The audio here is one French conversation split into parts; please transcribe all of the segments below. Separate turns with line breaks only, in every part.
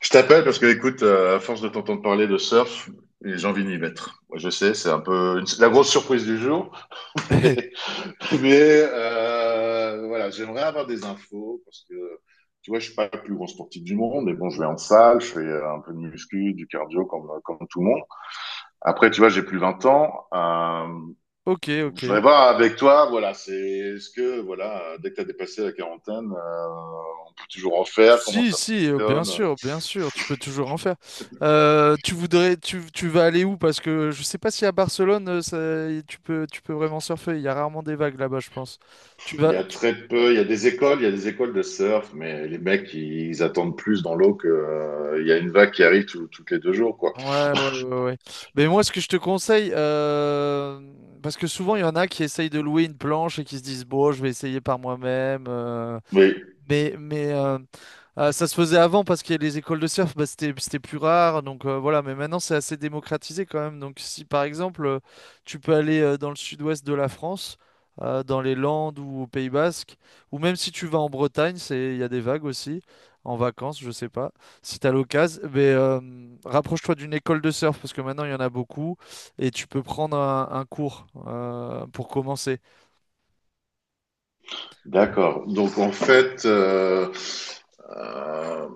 Je t'appelle parce que, écoute, à force de t'entendre parler de surf, j'ai envie d'y mettre. Moi, je sais, c'est un peu la grosse surprise du jour, mais voilà, j'aimerais avoir des infos parce que, tu vois, je suis pas le plus grand sportif du monde, mais bon, je vais en salle, je fais un peu de muscu, du cardio comme tout le monde. Après, tu vois, j'ai plus 20 ans. Euh,
Ok, ok.
je voudrais voir avec toi, voilà, c'est est-ce que, voilà, dès que tu as dépassé la quarantaine, on peut toujours en faire, comment
Si,
ça
si,
fonctionne?
bien sûr, tu peux toujours en faire. Tu vas aller où? Parce que je sais pas si à Barcelone, tu peux vraiment surfer. Il y a rarement des vagues là-bas, je pense. Tu
Il y
vas,
a
tu-
très peu, il y a des écoles, il y a des écoles de surf, mais les mecs, ils attendent plus dans l'eau que il y a une vague qui arrive toutes les 2 jours, quoi.
ouais, ouais, ouais, ouais. Ouais. Mais moi, ce que je te conseille, parce que souvent il y en a qui essayent de louer une planche et qui se disent bon, je vais essayer par moi-même. euh,
Oui,
mais, mais euh, Euh, ça se faisait avant parce que les écoles de surf, bah, c'était plus rare. Donc voilà, mais maintenant c'est assez démocratisé quand même. Donc si par exemple tu peux aller dans le sud-ouest de la France, dans les Landes ou au Pays Basque, ou même si tu vas en Bretagne, il y a des vagues aussi, en vacances, je sais pas. Si tu as l'occasion, mais rapproche-toi d'une école de surf parce que maintenant il y en a beaucoup et tu peux prendre un cours pour commencer.
d'accord. Donc en fait, euh,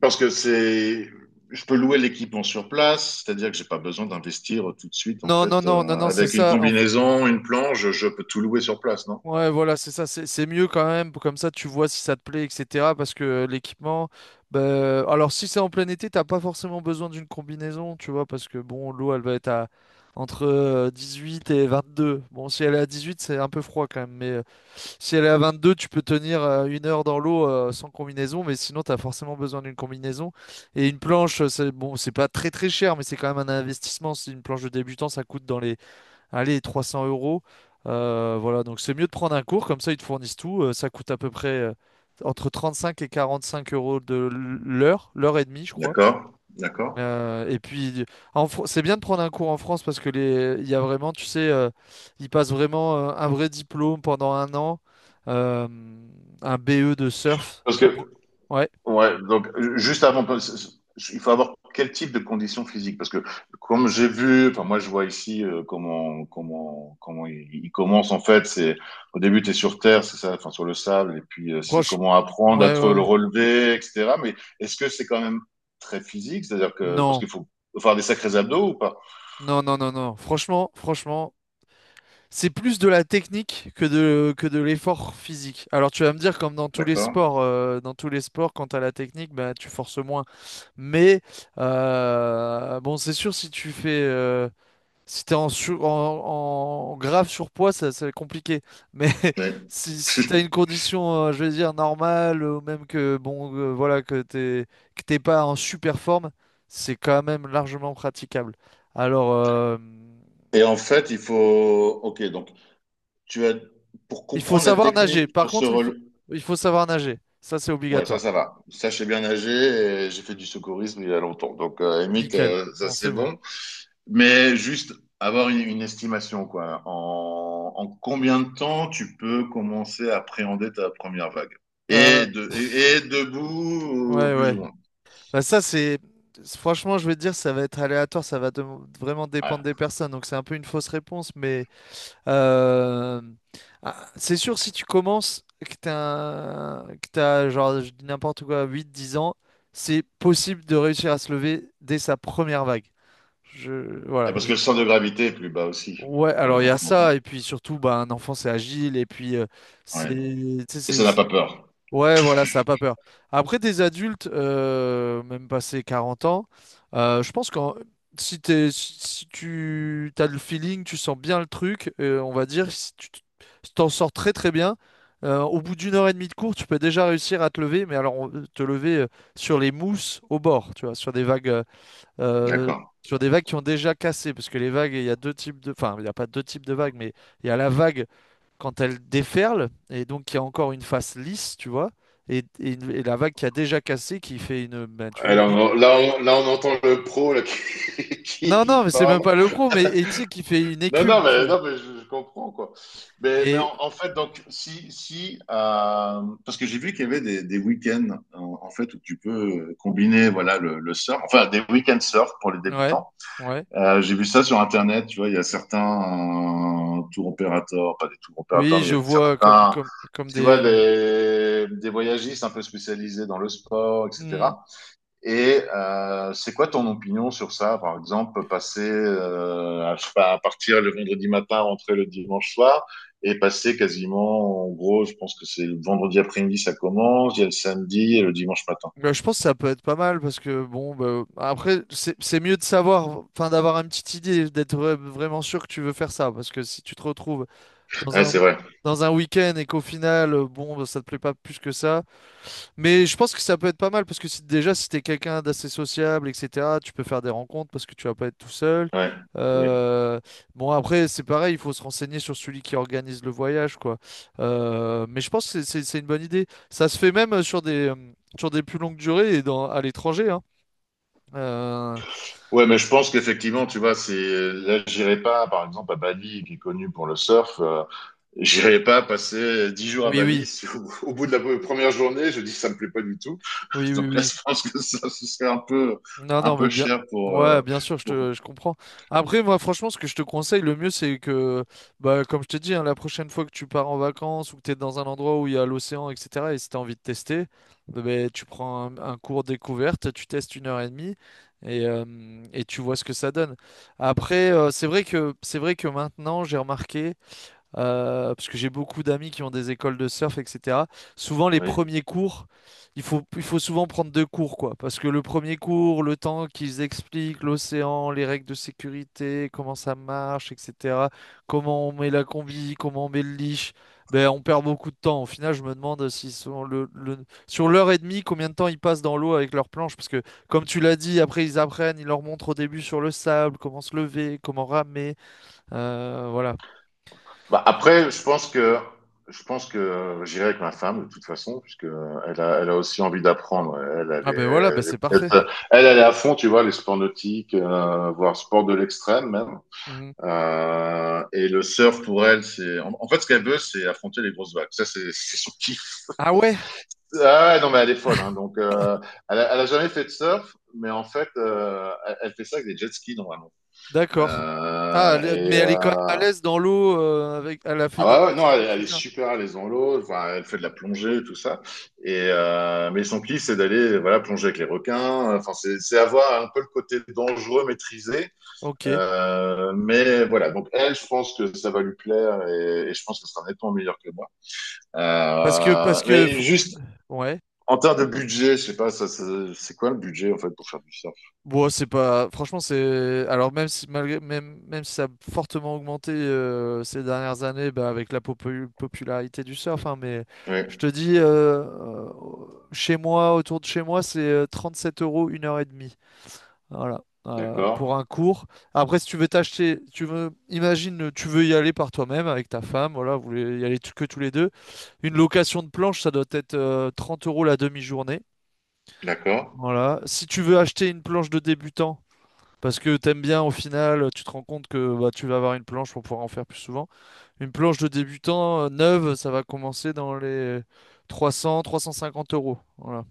parce que c'est, je peux louer l'équipement sur place, c'est-à-dire que j'ai pas besoin d'investir tout de suite, en
Non, non,
fait,
non, non, non, c'est
avec une
ça. En
combinaison, une planche, je peux tout louer sur place, non?
Ouais, voilà, c'est ça, c'est mieux quand même, comme ça tu vois si ça te plaît, etc. Parce que l'équipement, bah, alors si c'est en plein été, t'as pas forcément besoin d'une combinaison, tu vois, parce que bon, l'eau elle va être à entre 18 et 22. Bon, si elle est à 18, c'est un peu froid quand même, mais si elle est à 22, tu peux tenir une heure dans l'eau sans combinaison, mais sinon t'as forcément besoin d'une combinaison. Et une planche, c'est bon, c'est pas très très cher, mais c'est quand même un investissement. Si une planche de débutant, ça coûte dans les allez, 300 euros. Voilà, donc c'est mieux de prendre un cours, comme ça ils te fournissent tout. Ça coûte à peu près entre cinq et 45 € de l'heure, l'heure et demie, je crois.
D'accord, d'accord.
Et puis, c'est bien de prendre un cours en France parce que il y a vraiment, tu sais, ils passent vraiment un vrai diplôme pendant un an, euh, un BE de surf.
Parce
Bro-
que
Ouais,
Ouais, donc juste avant, il faut avoir quel type de conditions physiques? Parce que comme j'ai vu, enfin moi je vois ici comment il commence en fait. C'est au début tu es sur terre, c'est ça, enfin sur le sable, et puis c'est
Proche.
comment apprendre à
Ouais, ouais,
te le
ouais.
relever, etc. Mais est-ce que c'est quand même très physique? C'est-à-dire que parce
Non,
qu'il faut faire des sacrés abdos ou pas?
non, non, non, non. Franchement, franchement. C'est plus de la technique que de l'effort physique. Alors tu vas me dire, comme dans tous les
D'accord.
sports, quand tu la technique, bah, tu forces moins. Mais bon, c'est sûr, si tu fais, si t'es en grave surpoids, ça va être compliqué. Mais
Ouais.
si tu une condition, je vais dire, normale, ou même que, bon, voilà, que t'es pas en super forme, c'est quand même largement praticable. Alors.
Et en fait, il faut. Ok, donc tu as pour
Il faut
comprendre la
savoir nager.
technique
Par
pour se
contre, il faut,
rel-
il faut savoir nager. Ça, c'est
Ouais,
obligatoire.
ça va. Ça, je sais bien nager et j'ai fait du secourisme il y a longtemps. Donc, à la limite,
Nickel.
ça,
Bon, c'est
c'est
bon.
bon. Mais juste avoir une estimation, quoi. En combien de temps tu peux commencer à appréhender ta première vague?
Euh,
Et debout,
ouais,
plus ou
ouais.
moins.
Bah, ça, c'est. Franchement, je vais te dire, ça va être aléatoire. Ça va vraiment
Ouais.
dépendre des personnes. Donc, c'est un peu une fausse réponse. Mais euh, ah, c'est sûr, si tu commences, que t'as, genre, je dis n'importe quoi, huit dix ans, c'est possible de réussir à se lever dès sa première vague.
Et
Voilà.
parce que le centre de gravité est plus bas aussi
Ouais,
pour
alors
les
il y a
enfants, quoi.
ça, et puis surtout, bah, un enfant c'est agile, et puis c'est.
Ouais.
tu sais,
Et
c'est-
ça n'a pas
c'est-
peur.
Ouais, voilà, ça a pas peur. Après, des adultes, même passé 40 ans, je pense que si, t'es- si si tu as le feeling, tu sens bien le truc, on va dire, si t'en sors très très bien, au bout d'une heure et demie de cours, tu peux déjà réussir à te lever, mais alors te lever sur les mousses au bord, tu vois, sur des vagues. Euh,
D'accord.
Sur des vagues qui ont déjà cassé, parce que les vagues, il y a deux types enfin, il n'y a pas deux types de vagues, mais il y a la vague quand elle déferle, et donc il y a encore une face lisse, tu vois, et et la vague qui a déjà cassé, qui fait une, ben, tu vois, une.
Alors, là, on entend le pro là,
Non,
qui
non, mais c'est même
parle.
pas le pro, mais et tu sais, qui fait une
Non, non,
écume, tu vois.
mais je comprends, quoi. Mais
Et,
en fait, donc, si, parce que j'ai vu qu'il y avait des week-ends, en fait, où tu peux combiner, voilà, le surf, enfin, des week-ends surf pour les
ouais,
débutants.
ouais.
J'ai vu ça sur Internet, tu vois, il y a certains tour opérateurs, pas des tour opérateurs,
Oui,
mais il
je
y a
vois comme,
certains,
comme, comme
tu vois,
des,
des voyagistes un peu spécialisés dans le sport,
hmm.
etc. Et c'est quoi ton opinion sur ça? Par exemple, passer je sais pas, à partir le vendredi matin, rentrer le dimanche soir, et passer quasiment, en gros, je pense que c'est le vendredi après-midi, ça commence, il y a le samedi et le dimanche matin.
Bah, je pense que ça peut être pas mal parce que bon bah, après c'est mieux de savoir enfin d'avoir une petite idée d'être vraiment sûr que tu veux faire ça parce que si tu te retrouves dans
Ouais,
un
c'est vrai.
week-end et qu'au final bon bah, ça te plaît pas plus que ça mais je pense que ça peut être pas mal parce que si, déjà, si t'es quelqu'un d'assez sociable, etc., tu peux faire des rencontres parce que tu vas pas être tout seul.
Ouais. Oui.
Euh, bon, après, c'est pareil, il faut se renseigner sur celui qui organise le voyage, quoi. Mais je pense que c'est une bonne idée. Ça se fait même sur des plus longues durées et à l'étranger, hein. Euh,
Ouais, mais je pense qu'effectivement, tu vois, c'est là, j'irai pas, par exemple, à Bali, qui est connu pour le surf, j'irai pas passer 10 jours à
oui,
Bali.
oui,
Si au bout de la première journée, je dis ça me plaît pas du tout.
oui, oui,
Donc là,
oui.
je pense que ça, ce serait
Non,
un
non, mais
peu
bien.
cher pour.
Ouais, bien sûr, je
Pour...
te, je comprends. Après, moi, franchement, ce que je te conseille, le mieux, c'est que, bah, comme je t'ai dit, hein, la prochaine fois que tu pars en vacances ou que tu es dans un endroit où il y a l'océan, etc., et si tu as envie de tester, eh ben, tu prends un cours découverte, tu testes une heure et demie et, euh, et tu vois ce que ça donne. Après, c'est vrai que maintenant, j'ai remarqué parce que j'ai beaucoup d'amis qui ont des écoles de surf, etc. Souvent, les
Oui.
premiers cours, il faut souvent prendre deux cours, quoi. Parce que le premier cours, le temps qu'ils expliquent l'océan, les règles de sécurité, comment ça marche, etc. Comment on met la combi, comment on met le leash, ben, on perd beaucoup de temps. Au final, je me demande s'ils sont le- sur l'heure et demie, combien de temps ils passent dans l'eau avec leur planche. Parce que, comme tu l'as dit, après, ils leur montrent au début sur le sable, comment se lever, comment ramer. Voilà.
Bah, après, je pense que j'irai avec ma femme de toute façon, puisque elle a aussi envie d'apprendre.
Ah ben voilà, ben c'est parfait.
Elle est à fond, tu vois, les sports nautiques, voire sport de l'extrême même.
Mhm.
Et le surf pour elle, c'est en fait ce qu'elle veut, c'est affronter les grosses vagues. Ça, c'est son kiff.
Ah ouais,
Ah ouais, non, mais elle est folle. Hein, donc, elle a jamais fait de surf, mais en fait, elle fait ça avec des jet skis normalement.
d'accord. Ah,
Euh, et
mais elle est quand même à
euh,
l'aise dans l'eau, elle a fait du
ah ouais,
jet
ouais, non,
ski,
elle est
etc.
super à l'aise dans l'eau. Enfin, elle fait de la plongée, tout ça. Mais son kiff, c'est d'aller voilà plonger avec les requins. Enfin, c'est avoir un peu le côté dangereux maîtrisé.
Ok.
Mais voilà, donc elle, je pense que ça va lui plaire et je pense que ce sera nettement meilleur que moi.
Parce que, parce
Euh,
que,
mais
faut-
juste
ouais.
en termes de budget, je sais pas, c'est quoi le budget en fait pour faire du surf?
Bon, c'est pas, franchement, alors même si ça a fortement augmenté ces dernières années, bah, avec la popularité du surf, hein, mais
Oui,
je te dis, chez moi, autour de chez moi, c'est 7 € une heure et demie. Voilà. Pour
d'accord.
un cours. Après, si tu veux t'acheter, imagine, tu veux y aller par toi-même avec ta femme, voilà, vous voulez y aller que tous les deux. Une location de planche, ça doit être 30 € la demi-journée.
d'accord.
Voilà. Si tu veux acheter une planche de débutant, parce que t'aimes bien au final, tu te rends compte que bah, tu vas avoir une planche pour pouvoir en faire plus souvent. Une planche de débutant neuve, ça va commencer dans les 300, 350 euros. Voilà.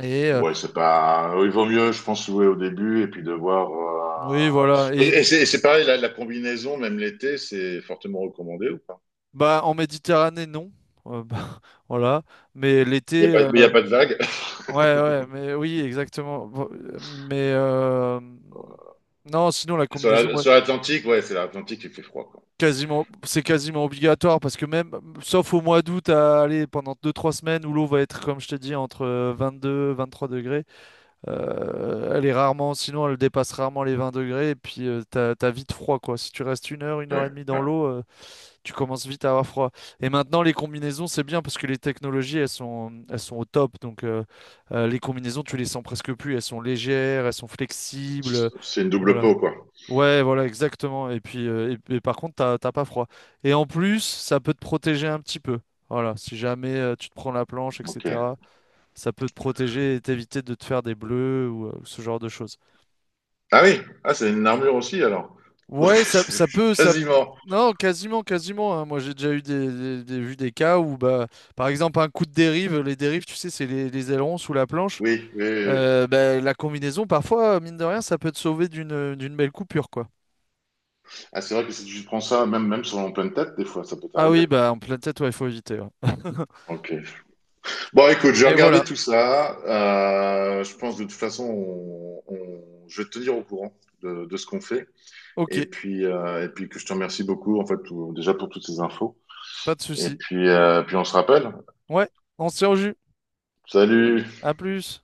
Et
Ouais, c'est pas. Il vaut mieux, je pense, jouer au début et puis de voir.
oui,
euh,
voilà.
Et et c'est pareil, la combinaison, même l'été, c'est fortement recommandé ou pas?
Bah, en Méditerranée, non. Bah, voilà. Mais
Il y a
l'été,
pas, mais il y a pas de vague.
ouais, ouais, mais oui, exactement. Bon, mais non, sinon, la
Sur
combinaison,
la-
ouais,
sur l'Atlantique, ouais, c'est l'Atlantique qui fait froid, quoi.
quasiment, c'est quasiment obligatoire parce que même, sauf au mois d'août, à aller pendant deux trois semaines où l'eau va être, comme je t'ai dit, entre 22, 23 degrés, elle est rarement, sinon, elle dépasse rarement les 20 degrés et puis t'as vite froid, quoi. Si tu restes une heure
Ouais,
et demie
ouais.
dans l'eau, tu commences vite à avoir froid. Et maintenant, les combinaisons, c'est bien parce que les technologies, elles sont au top. Donc, les combinaisons, tu les sens presque plus. Elles sont légères, elles sont flexibles.
C'est une double
Voilà.
peau, quoi.
Ouais, voilà, exactement. Et puis, et par contre, t'as pas froid. Et en plus, ça peut te protéger un petit peu. Voilà, si jamais tu te prends la planche,
Ok.
etc., ça peut te protéger et t'éviter de te faire des bleus ou ce genre de choses.
Ah oui, ah, c'est une armure aussi, alors. Donc,
Ouais, ça peut, ça.
quasiment.
Non, quasiment, quasiment. Hein. Moi, j'ai déjà eu vu des cas où, bah, par exemple, un coup de dérive, les dérives, tu sais, c'est les ailerons sous la planche.
Oui, oui, oui, oui.
Bah, la combinaison, parfois, mine de rien, ça peut te sauver d'une belle coupure, quoi.
Ah, c'est vrai que si tu prends ça, même sur en pleine tête, des fois, ça peut
Ah oui,
t'arriver, quoi.
bah, en pleine tête, ouais, il faut éviter. Ouais.
Ok. Bon, écoute, je vais
Mais
regarder
voilà,
tout ça. Je pense de toute façon, je vais te tenir au courant de ce qu'on fait.
ok,
Et puis que je te remercie beaucoup, en fait, déjà pour toutes ces infos.
pas de
Et
souci.
puis, euh, puis on se rappelle.
Ouais, on se tient au jus.
Salut!
À plus.